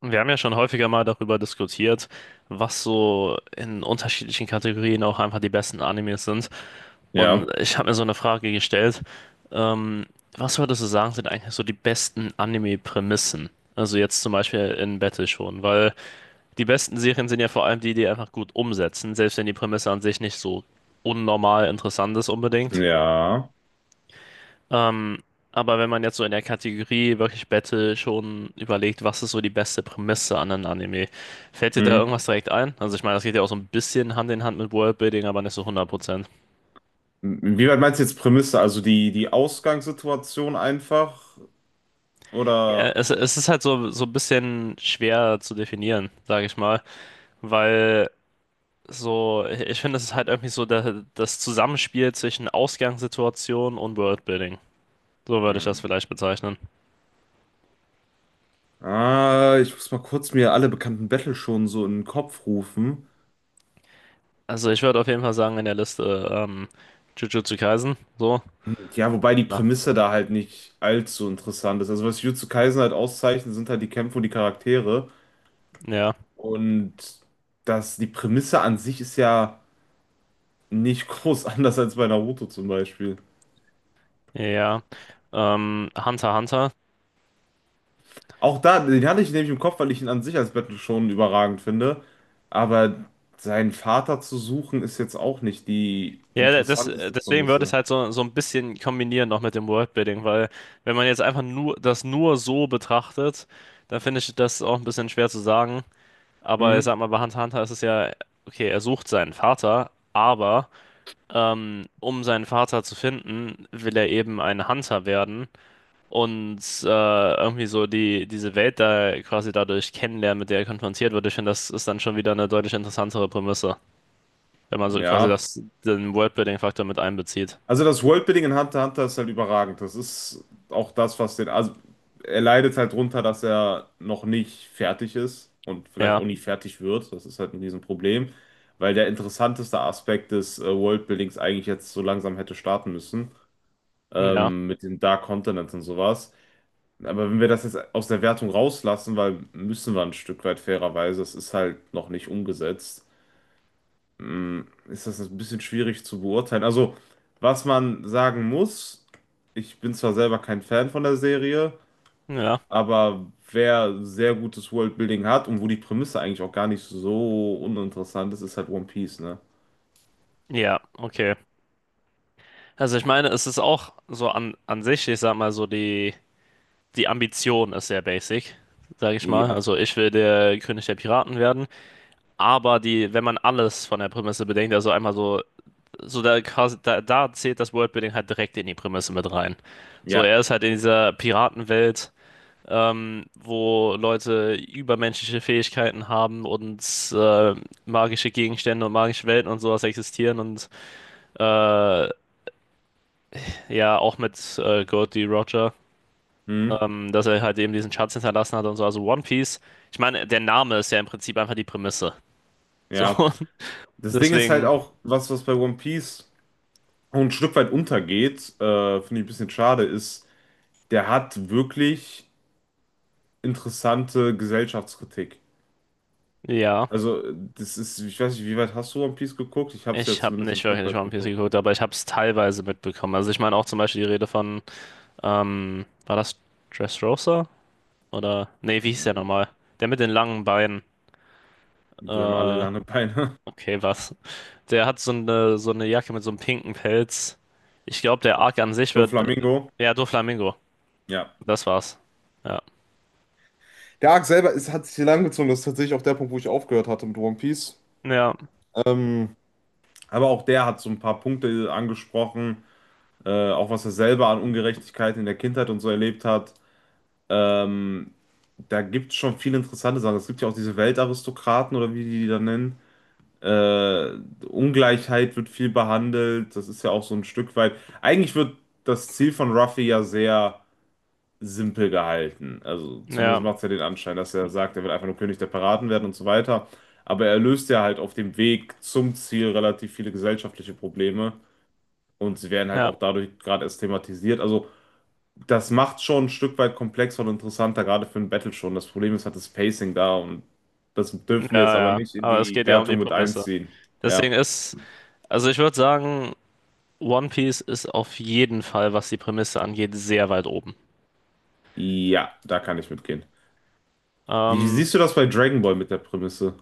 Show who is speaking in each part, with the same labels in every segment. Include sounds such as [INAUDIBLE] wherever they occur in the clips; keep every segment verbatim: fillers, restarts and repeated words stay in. Speaker 1: Wir haben ja schon häufiger mal darüber diskutiert, was so in unterschiedlichen Kategorien auch einfach die besten Animes sind. Und
Speaker 2: Ja,
Speaker 1: ich habe mir so eine Frage gestellt. ähm, Was würdest du sagen, sind eigentlich so die besten Anime-Prämissen? Also jetzt zum Beispiel in Battle schon, weil die besten Serien sind ja vor allem die, die einfach gut umsetzen, selbst wenn die Prämisse an sich nicht so unnormal interessant ist unbedingt.
Speaker 2: ja.
Speaker 1: Ähm, aber wenn man jetzt so in der Kategorie wirklich Battle schon überlegt, was ist so die beste Prämisse an einem Anime, fällt dir da
Speaker 2: Mhm.
Speaker 1: irgendwas direkt ein? Also ich meine, das geht ja auch so ein bisschen Hand in Hand mit Worldbuilding, aber nicht so hundert Prozent.
Speaker 2: Wie weit meinst du jetzt Prämisse? Also die, die Ausgangssituation einfach?
Speaker 1: Ja,
Speaker 2: Oder?
Speaker 1: es, es ist halt so, so ein bisschen schwer zu definieren, sage ich mal, weil so, ich finde, es ist halt irgendwie so der, das Zusammenspiel zwischen Ausgangssituation und Worldbuilding. So würde ich das
Speaker 2: Hm.
Speaker 1: vielleicht bezeichnen.
Speaker 2: Ah, ich muss mal kurz mir alle bekannten Battle schon so in den Kopf rufen.
Speaker 1: Also ich würde auf jeden Fall sagen, in der Liste ähm, Jujutsu Kaisen, so.
Speaker 2: Ja, wobei die
Speaker 1: Na,
Speaker 2: Prämisse da halt nicht allzu interessant ist. Also was Jujutsu Kaisen halt auszeichnet, sind halt die Kämpfe und die Charaktere.
Speaker 1: ja,
Speaker 2: Und das, die Prämisse an sich ist ja nicht [LAUGHS] groß anders als bei Naruto zum Beispiel.
Speaker 1: ja, ja. Ähm, Hunter x Hunter.
Speaker 2: Auch da, den hatte ich nämlich im Kopf, weil ich ihn an sich als Battle schon überragend finde. Aber seinen Vater zu suchen, ist jetzt auch nicht die
Speaker 1: Ja, das,
Speaker 2: interessanteste
Speaker 1: deswegen würde ich es
Speaker 2: Prämisse.
Speaker 1: halt so, so ein bisschen kombinieren noch mit dem Worldbuilding, weil wenn man jetzt einfach nur das nur so betrachtet, dann finde ich das auch ein bisschen schwer zu sagen. Aber ich
Speaker 2: Hm,
Speaker 1: sag mal, bei Hunter x Hunter ist es ja, okay, er sucht seinen Vater, aber ähm, um seinen Vater zu finden, will er eben ein Hunter werden und äh, irgendwie so die, diese Welt da quasi dadurch kennenlernen, mit der er konfrontiert wird. Ich finde, das ist dann schon wieder eine deutlich interessantere Prämisse, wenn man so quasi
Speaker 2: ja.
Speaker 1: das, den Worldbuilding-Faktor mit einbezieht.
Speaker 2: Also das Worldbuilding in Hunter x Hunter ist halt überragend. Das ist auch das, was den. Also er leidet halt drunter, dass er noch nicht fertig ist und vielleicht
Speaker 1: Ja,
Speaker 2: auch nie fertig wird. Das ist halt ein Riesenproblem. Weil der interessanteste Aspekt des äh, Worldbuildings eigentlich jetzt so langsam hätte starten müssen.
Speaker 1: ja,
Speaker 2: Ähm, mit den Dark Continents und sowas. Aber wenn wir das jetzt aus der Wertung rauslassen, weil müssen wir ein Stück weit fairerweise, es ist halt noch nicht umgesetzt, mm, ist das ein bisschen schwierig zu beurteilen. Also, was man sagen muss, ich bin zwar selber kein Fan von der Serie,
Speaker 1: ja,
Speaker 2: aber wer sehr gutes Worldbuilding hat und wo die Prämisse eigentlich auch gar nicht so uninteressant ist, ist halt One Piece, ne?
Speaker 1: ja, okay. Also ich meine, es ist auch so an, an sich, ich sag mal so, die, die Ambition ist sehr basic, sag ich mal.
Speaker 2: Ja,
Speaker 1: Also ich will der König der Piraten werden. Aber die, wenn man alles von der Prämisse bedenkt, also einmal so, so da quasi, da, da zählt das Worldbuilding halt direkt in die Prämisse mit rein. So,
Speaker 2: ja,
Speaker 1: er ist halt in dieser Piratenwelt, ähm, wo Leute übermenschliche Fähigkeiten haben und äh, magische Gegenstände und magische Welten und sowas existieren und ja, auch mit äh, Goldie Roger,
Speaker 2: hm,
Speaker 1: ähm, dass er halt eben diesen Schatz hinterlassen hat und so, also One Piece. Ich meine, der Name ist ja im Prinzip einfach die Prämisse. So,
Speaker 2: ja.
Speaker 1: [LAUGHS]
Speaker 2: Das Ding ist halt
Speaker 1: deswegen,
Speaker 2: auch, was, was bei One Piece auch ein Stück weit untergeht, äh, finde ich ein bisschen schade, ist, der hat wirklich interessante Gesellschaftskritik.
Speaker 1: ja.
Speaker 2: Also, das ist, ich weiß nicht, wie weit hast du One Piece geguckt? Ich habe es ja
Speaker 1: Ich habe
Speaker 2: zumindest ein
Speaker 1: nicht
Speaker 2: Stück
Speaker 1: wirklich
Speaker 2: weit
Speaker 1: One Piece
Speaker 2: geguckt.
Speaker 1: geguckt, aber ich habe es teilweise mitbekommen. Also ich meine auch zum Beispiel die Rede von, ähm, war das Dressrosa? Oder, nee, wie hieß der
Speaker 2: Äh,
Speaker 1: nochmal? Der mit den langen Beinen.
Speaker 2: Die haben alle
Speaker 1: Äh,
Speaker 2: lange Beine.
Speaker 1: Okay, was? Der hat so eine, so eine Jacke mit so einem pinken Pelz. Ich glaube, der Arc an sich
Speaker 2: [LAUGHS]
Speaker 1: wird.
Speaker 2: Doflamingo.
Speaker 1: Ja, Doflamingo.
Speaker 2: Ja.
Speaker 1: Das war's. Ja.
Speaker 2: Der Arc selber ist, hat sich hier lang gezogen. Das ist tatsächlich auch der Punkt, wo ich aufgehört hatte mit One Piece.
Speaker 1: Ja,
Speaker 2: Ähm, Aber auch der hat so ein paar Punkte angesprochen, äh, auch was er selber an Ungerechtigkeit in der Kindheit und so erlebt hat. Ähm, Da gibt es schon viele interessante Sachen. Es gibt ja auch diese Weltaristokraten oder wie die die da nennen. Äh, Ungleichheit wird viel behandelt. Das ist ja auch so ein Stück weit. Eigentlich wird das Ziel von Ruffy ja sehr simpel gehalten. Also
Speaker 1: ja,
Speaker 2: zumindest macht es ja den Anschein, dass er sagt, er will einfach nur König der Piraten werden und so weiter. Aber er löst ja halt auf dem Weg zum Ziel relativ viele gesellschaftliche Probleme. Und sie werden halt
Speaker 1: ja,
Speaker 2: auch dadurch gerade erst thematisiert. Also, das macht schon ein Stück weit komplexer und interessanter, gerade für ein Battle schon. Das Problem ist halt das Pacing da und das
Speaker 1: ja,
Speaker 2: dürfen wir jetzt aber
Speaker 1: ja.
Speaker 2: nicht in
Speaker 1: Aber es
Speaker 2: die
Speaker 1: geht ja um die
Speaker 2: Wertung mit
Speaker 1: Prämisse.
Speaker 2: einziehen.
Speaker 1: Deswegen
Speaker 2: Ja.
Speaker 1: ist. Also, ich würde sagen, One Piece ist auf jeden Fall, was die Prämisse angeht, sehr weit oben.
Speaker 2: Ja, da kann ich mitgehen. Wie
Speaker 1: Ähm,
Speaker 2: siehst du das bei Dragon Ball mit der Prämisse?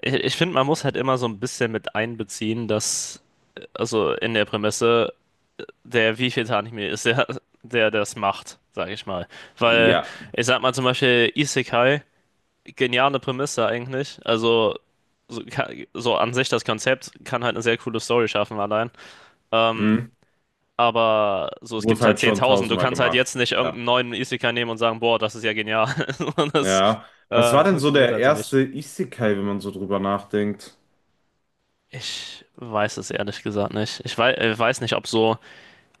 Speaker 1: ich ich finde, man muss halt immer so ein bisschen mit einbeziehen, dass. äh, Also, in der Prämisse der wievielte Anime ist, der, der das macht, sage ich mal. Weil,
Speaker 2: Ja.
Speaker 1: ich sag mal zum Beispiel Isekai, geniale Prämisse eigentlich. Also, so, ka- so an sich das Konzept kann halt eine sehr coole Story schaffen allein. Ähm,
Speaker 2: Hm.
Speaker 1: aber so, es
Speaker 2: Wurde
Speaker 1: gibt halt
Speaker 2: halt schon
Speaker 1: zehntausend. Du
Speaker 2: tausendmal
Speaker 1: kannst halt jetzt
Speaker 2: gemacht.
Speaker 1: nicht
Speaker 2: Ja.
Speaker 1: irgendeinen neuen Isekai nehmen und sagen, boah, das ist ja genial. [LAUGHS] Und das
Speaker 2: Ja. Was war
Speaker 1: äh,
Speaker 2: denn so
Speaker 1: funktioniert
Speaker 2: der
Speaker 1: halt so nicht.
Speaker 2: erste Isekai, wenn man so drüber nachdenkt?
Speaker 1: Ich weiß es ehrlich gesagt nicht. Ich weiß, äh, weiß nicht, ob so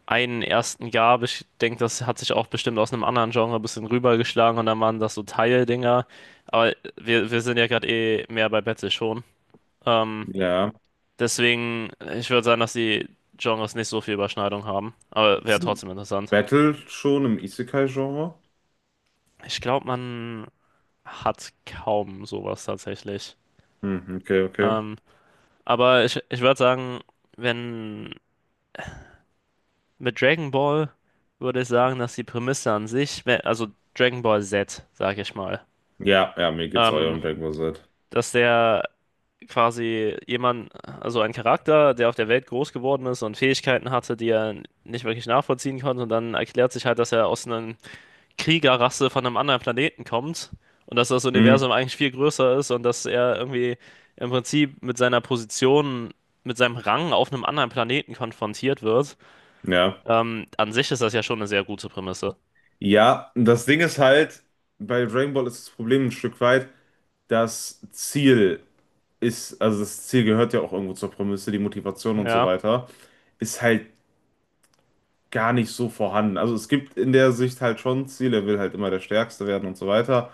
Speaker 1: einen ersten gab. Ich denke, das hat sich auch bestimmt aus einem anderen Genre ein bisschen rübergeschlagen und dann waren das so Teildinger. Aber wir, wir sind ja gerade eh mehr bei Betsy schon. Ähm,
Speaker 2: Ja.
Speaker 1: Deswegen, ich würde sagen, dass die Genres nicht so viel Überschneidung haben. Aber
Speaker 2: Gibt's
Speaker 1: wäre trotzdem
Speaker 2: ein
Speaker 1: interessant.
Speaker 2: Battle schon im Isekai-Genre?
Speaker 1: Ich glaube, man hat kaum sowas tatsächlich.
Speaker 2: Hm, okay, okay.
Speaker 1: Ähm, aber ich, ich würde sagen, wenn mit Dragon Ball würde ich sagen, dass die Prämisse an sich, wenn- also Dragon Ball Z, sage ich mal,
Speaker 2: Ja, ja, mir geht's auch
Speaker 1: ähm,
Speaker 2: um Dragon Ball Z.
Speaker 1: dass der quasi jemand, also ein Charakter, der auf der Welt groß geworden ist und Fähigkeiten hatte, die er nicht wirklich nachvollziehen konnte. Und dann erklärt sich halt, dass er aus einer Kriegerrasse von einem anderen Planeten kommt und dass das
Speaker 2: Hm,
Speaker 1: Universum eigentlich viel größer ist und dass er irgendwie im Prinzip mit seiner Position, mit seinem Rang auf einem anderen Planeten konfrontiert wird.
Speaker 2: ja.
Speaker 1: Ähm, an sich ist das ja schon eine sehr gute Prämisse.
Speaker 2: Ja, das Ding ist halt, bei Dragon Ball ist das Problem ein Stück weit, das Ziel ist, also das Ziel gehört ja auch irgendwo zur Prämisse, die Motivation und so
Speaker 1: Ja,
Speaker 2: weiter, ist halt gar nicht so vorhanden. Also es gibt in der Sicht halt schon Ziele, er will halt immer der Stärkste werden und so weiter,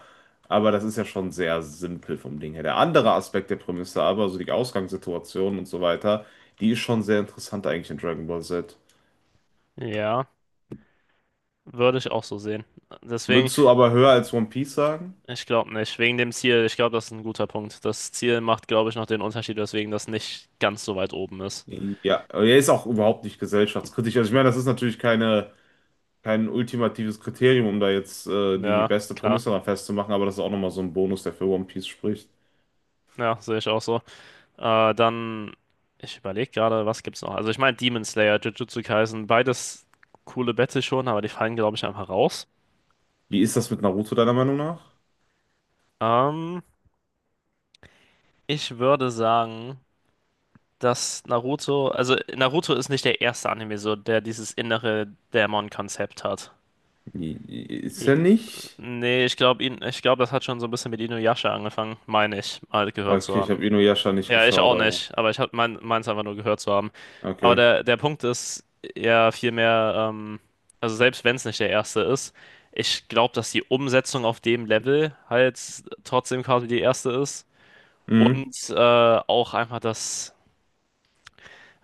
Speaker 2: aber das ist ja schon sehr simpel vom Ding her. Der andere Aspekt der Prämisse aber, also die Ausgangssituation und so weiter, die ist schon sehr interessant eigentlich in Dragon Ball Z.
Speaker 1: ja, würde ich auch so sehen. Deswegen.
Speaker 2: Würdest du aber höher als One Piece sagen?
Speaker 1: Ich glaube nicht. Wegen dem Ziel, ich glaube, das ist ein guter Punkt. Das Ziel macht, glaube ich, noch den Unterschied, weswegen das nicht ganz so weit oben ist.
Speaker 2: Nee. Ja, er ist auch überhaupt nicht gesellschaftskritisch. Also ich meine, das ist natürlich keine kein ultimatives Kriterium, um da jetzt äh, die
Speaker 1: Ja,
Speaker 2: beste
Speaker 1: klar.
Speaker 2: Prämisse dran festzumachen, aber das ist auch nochmal so ein Bonus, der für One Piece spricht.
Speaker 1: Ja, sehe ich auch so. Äh, dann, ich überlege gerade, was gibt's noch? Also ich meine Demon Slayer, Jujutsu Kaisen, beides coole Battle schon, aber die fallen, glaube ich, einfach raus.
Speaker 2: Wie ist das mit Naruto deiner Meinung nach?
Speaker 1: Ähm, Ich würde sagen, dass Naruto, also Naruto ist nicht der erste Anime so, der dieses innere Dämon-Konzept hat.
Speaker 2: I- i- Ist er nicht?
Speaker 1: Nee, ich glaube, ich glaub, das hat schon so ein bisschen mit Inuyasha angefangen, meine ich, mal gehört zu
Speaker 2: Okay, ich
Speaker 1: haben.
Speaker 2: habe Inuyasha nicht
Speaker 1: Ja, ich
Speaker 2: geschaut,
Speaker 1: auch
Speaker 2: aber
Speaker 1: nicht, aber ich habe mein, meins einfach nur gehört zu haben. Aber
Speaker 2: okay.
Speaker 1: der, der Punkt ist ja vielmehr, ähm, also selbst wenn es nicht der erste ist, ich glaube, dass die Umsetzung auf dem Level halt trotzdem quasi die erste ist.
Speaker 2: Mhm.
Speaker 1: Und äh, auch einfach das,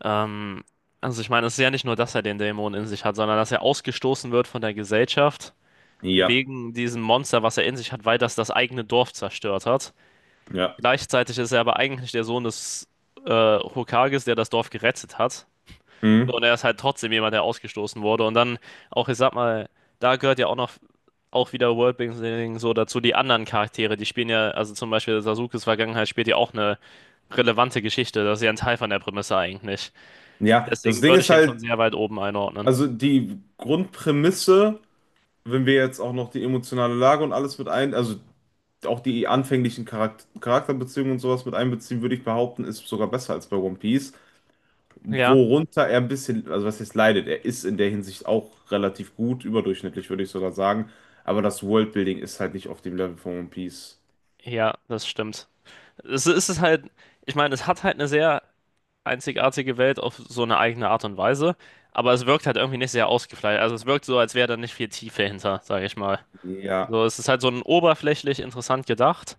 Speaker 1: ähm, also ich meine, es ist ja nicht nur, dass er den Dämon in sich hat, sondern dass er ausgestoßen wird von der Gesellschaft
Speaker 2: Ja,
Speaker 1: wegen diesem Monster, was er in sich hat, weil das das eigene Dorf zerstört hat.
Speaker 2: ja.
Speaker 1: Gleichzeitig ist er aber eigentlich der Sohn des äh, Hokages, der das Dorf gerettet hat. So,
Speaker 2: Mhm.
Speaker 1: und er ist halt trotzdem jemand, der ausgestoßen wurde. Und dann auch, ich sag mal, da gehört ja auch noch auch wieder Worldbuilding so dazu. Die anderen Charaktere, die spielen ja, also zum Beispiel Sasukes Vergangenheit spielt ja auch eine relevante Geschichte. Das ist ja ein Teil von der Prämisse eigentlich.
Speaker 2: Ja, das
Speaker 1: Deswegen
Speaker 2: Ding
Speaker 1: würde ich
Speaker 2: ist
Speaker 1: ihn schon
Speaker 2: halt,
Speaker 1: sehr weit oben einordnen.
Speaker 2: also die Grundprämisse, wenn wir jetzt auch noch die emotionale Lage und alles mit ein, also auch die anfänglichen Charakter Charakterbeziehungen und sowas mit einbeziehen, würde ich behaupten, ist sogar besser als bei One Piece.
Speaker 1: Ja,
Speaker 2: Worunter er ein bisschen, also was heißt leidet, er ist in der Hinsicht auch relativ gut, überdurchschnittlich würde ich sogar sagen, aber das Worldbuilding ist halt nicht auf dem Level von One Piece.
Speaker 1: ja, das stimmt. Es ist halt, ich meine, es hat halt eine sehr einzigartige Welt auf so eine eigene Art und Weise. Aber es wirkt halt irgendwie nicht sehr ausgefeilt. Also es wirkt so, als wäre da nicht viel Tiefe hinter, sage ich mal.
Speaker 2: Ja,
Speaker 1: So, es ist halt so ein oberflächlich interessant gedacht,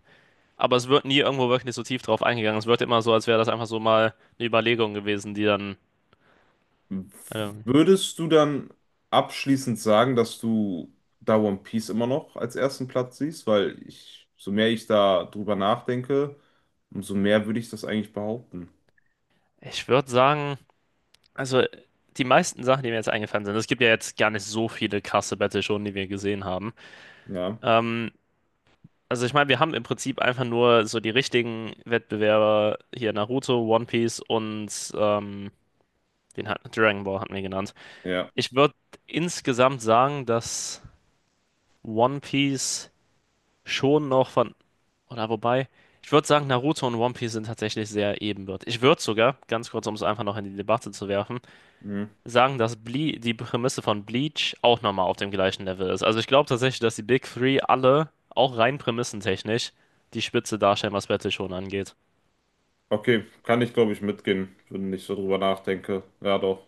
Speaker 1: aber es wird nie irgendwo wirklich so tief drauf eingegangen. Es wird immer so, als wäre das einfach so mal eine Überlegung gewesen, die dann, ähm,
Speaker 2: würdest du dann abschließend sagen, dass du da One Piece immer noch als ersten Platz siehst? Weil ich, so mehr ich da drüber nachdenke, umso mehr würde ich das eigentlich behaupten.
Speaker 1: ich würde sagen, also die meisten Sachen, die mir jetzt eingefallen sind, es gibt ja jetzt gar nicht so viele krasse Battle schon, die wir gesehen haben.
Speaker 2: Ja,
Speaker 1: Ähm, Also ich meine, wir haben im Prinzip einfach nur so die richtigen Wettbewerber hier Naruto, One Piece und ähm, den hat, Dragon Ball hatten wir genannt.
Speaker 2: ja.
Speaker 1: Ich würde insgesamt sagen, dass One Piece schon noch von, oder wobei, ich würde sagen, Naruto und One Piece sind tatsächlich sehr ebenbürtig. Ich würde sogar, ganz kurz, um es einfach noch in die Debatte zu werfen,
Speaker 2: Hm.
Speaker 1: sagen, dass Ble die Prämisse von Bleach auch nochmal auf dem gleichen Level ist. Also ich glaube tatsächlich, dass die Big Three alle, auch rein prämissentechnisch, die Spitze darstellen, was Battle schon angeht.
Speaker 2: Okay, kann ich glaube ich mitgehen, wenn ich so drüber nachdenke. Ja, doch.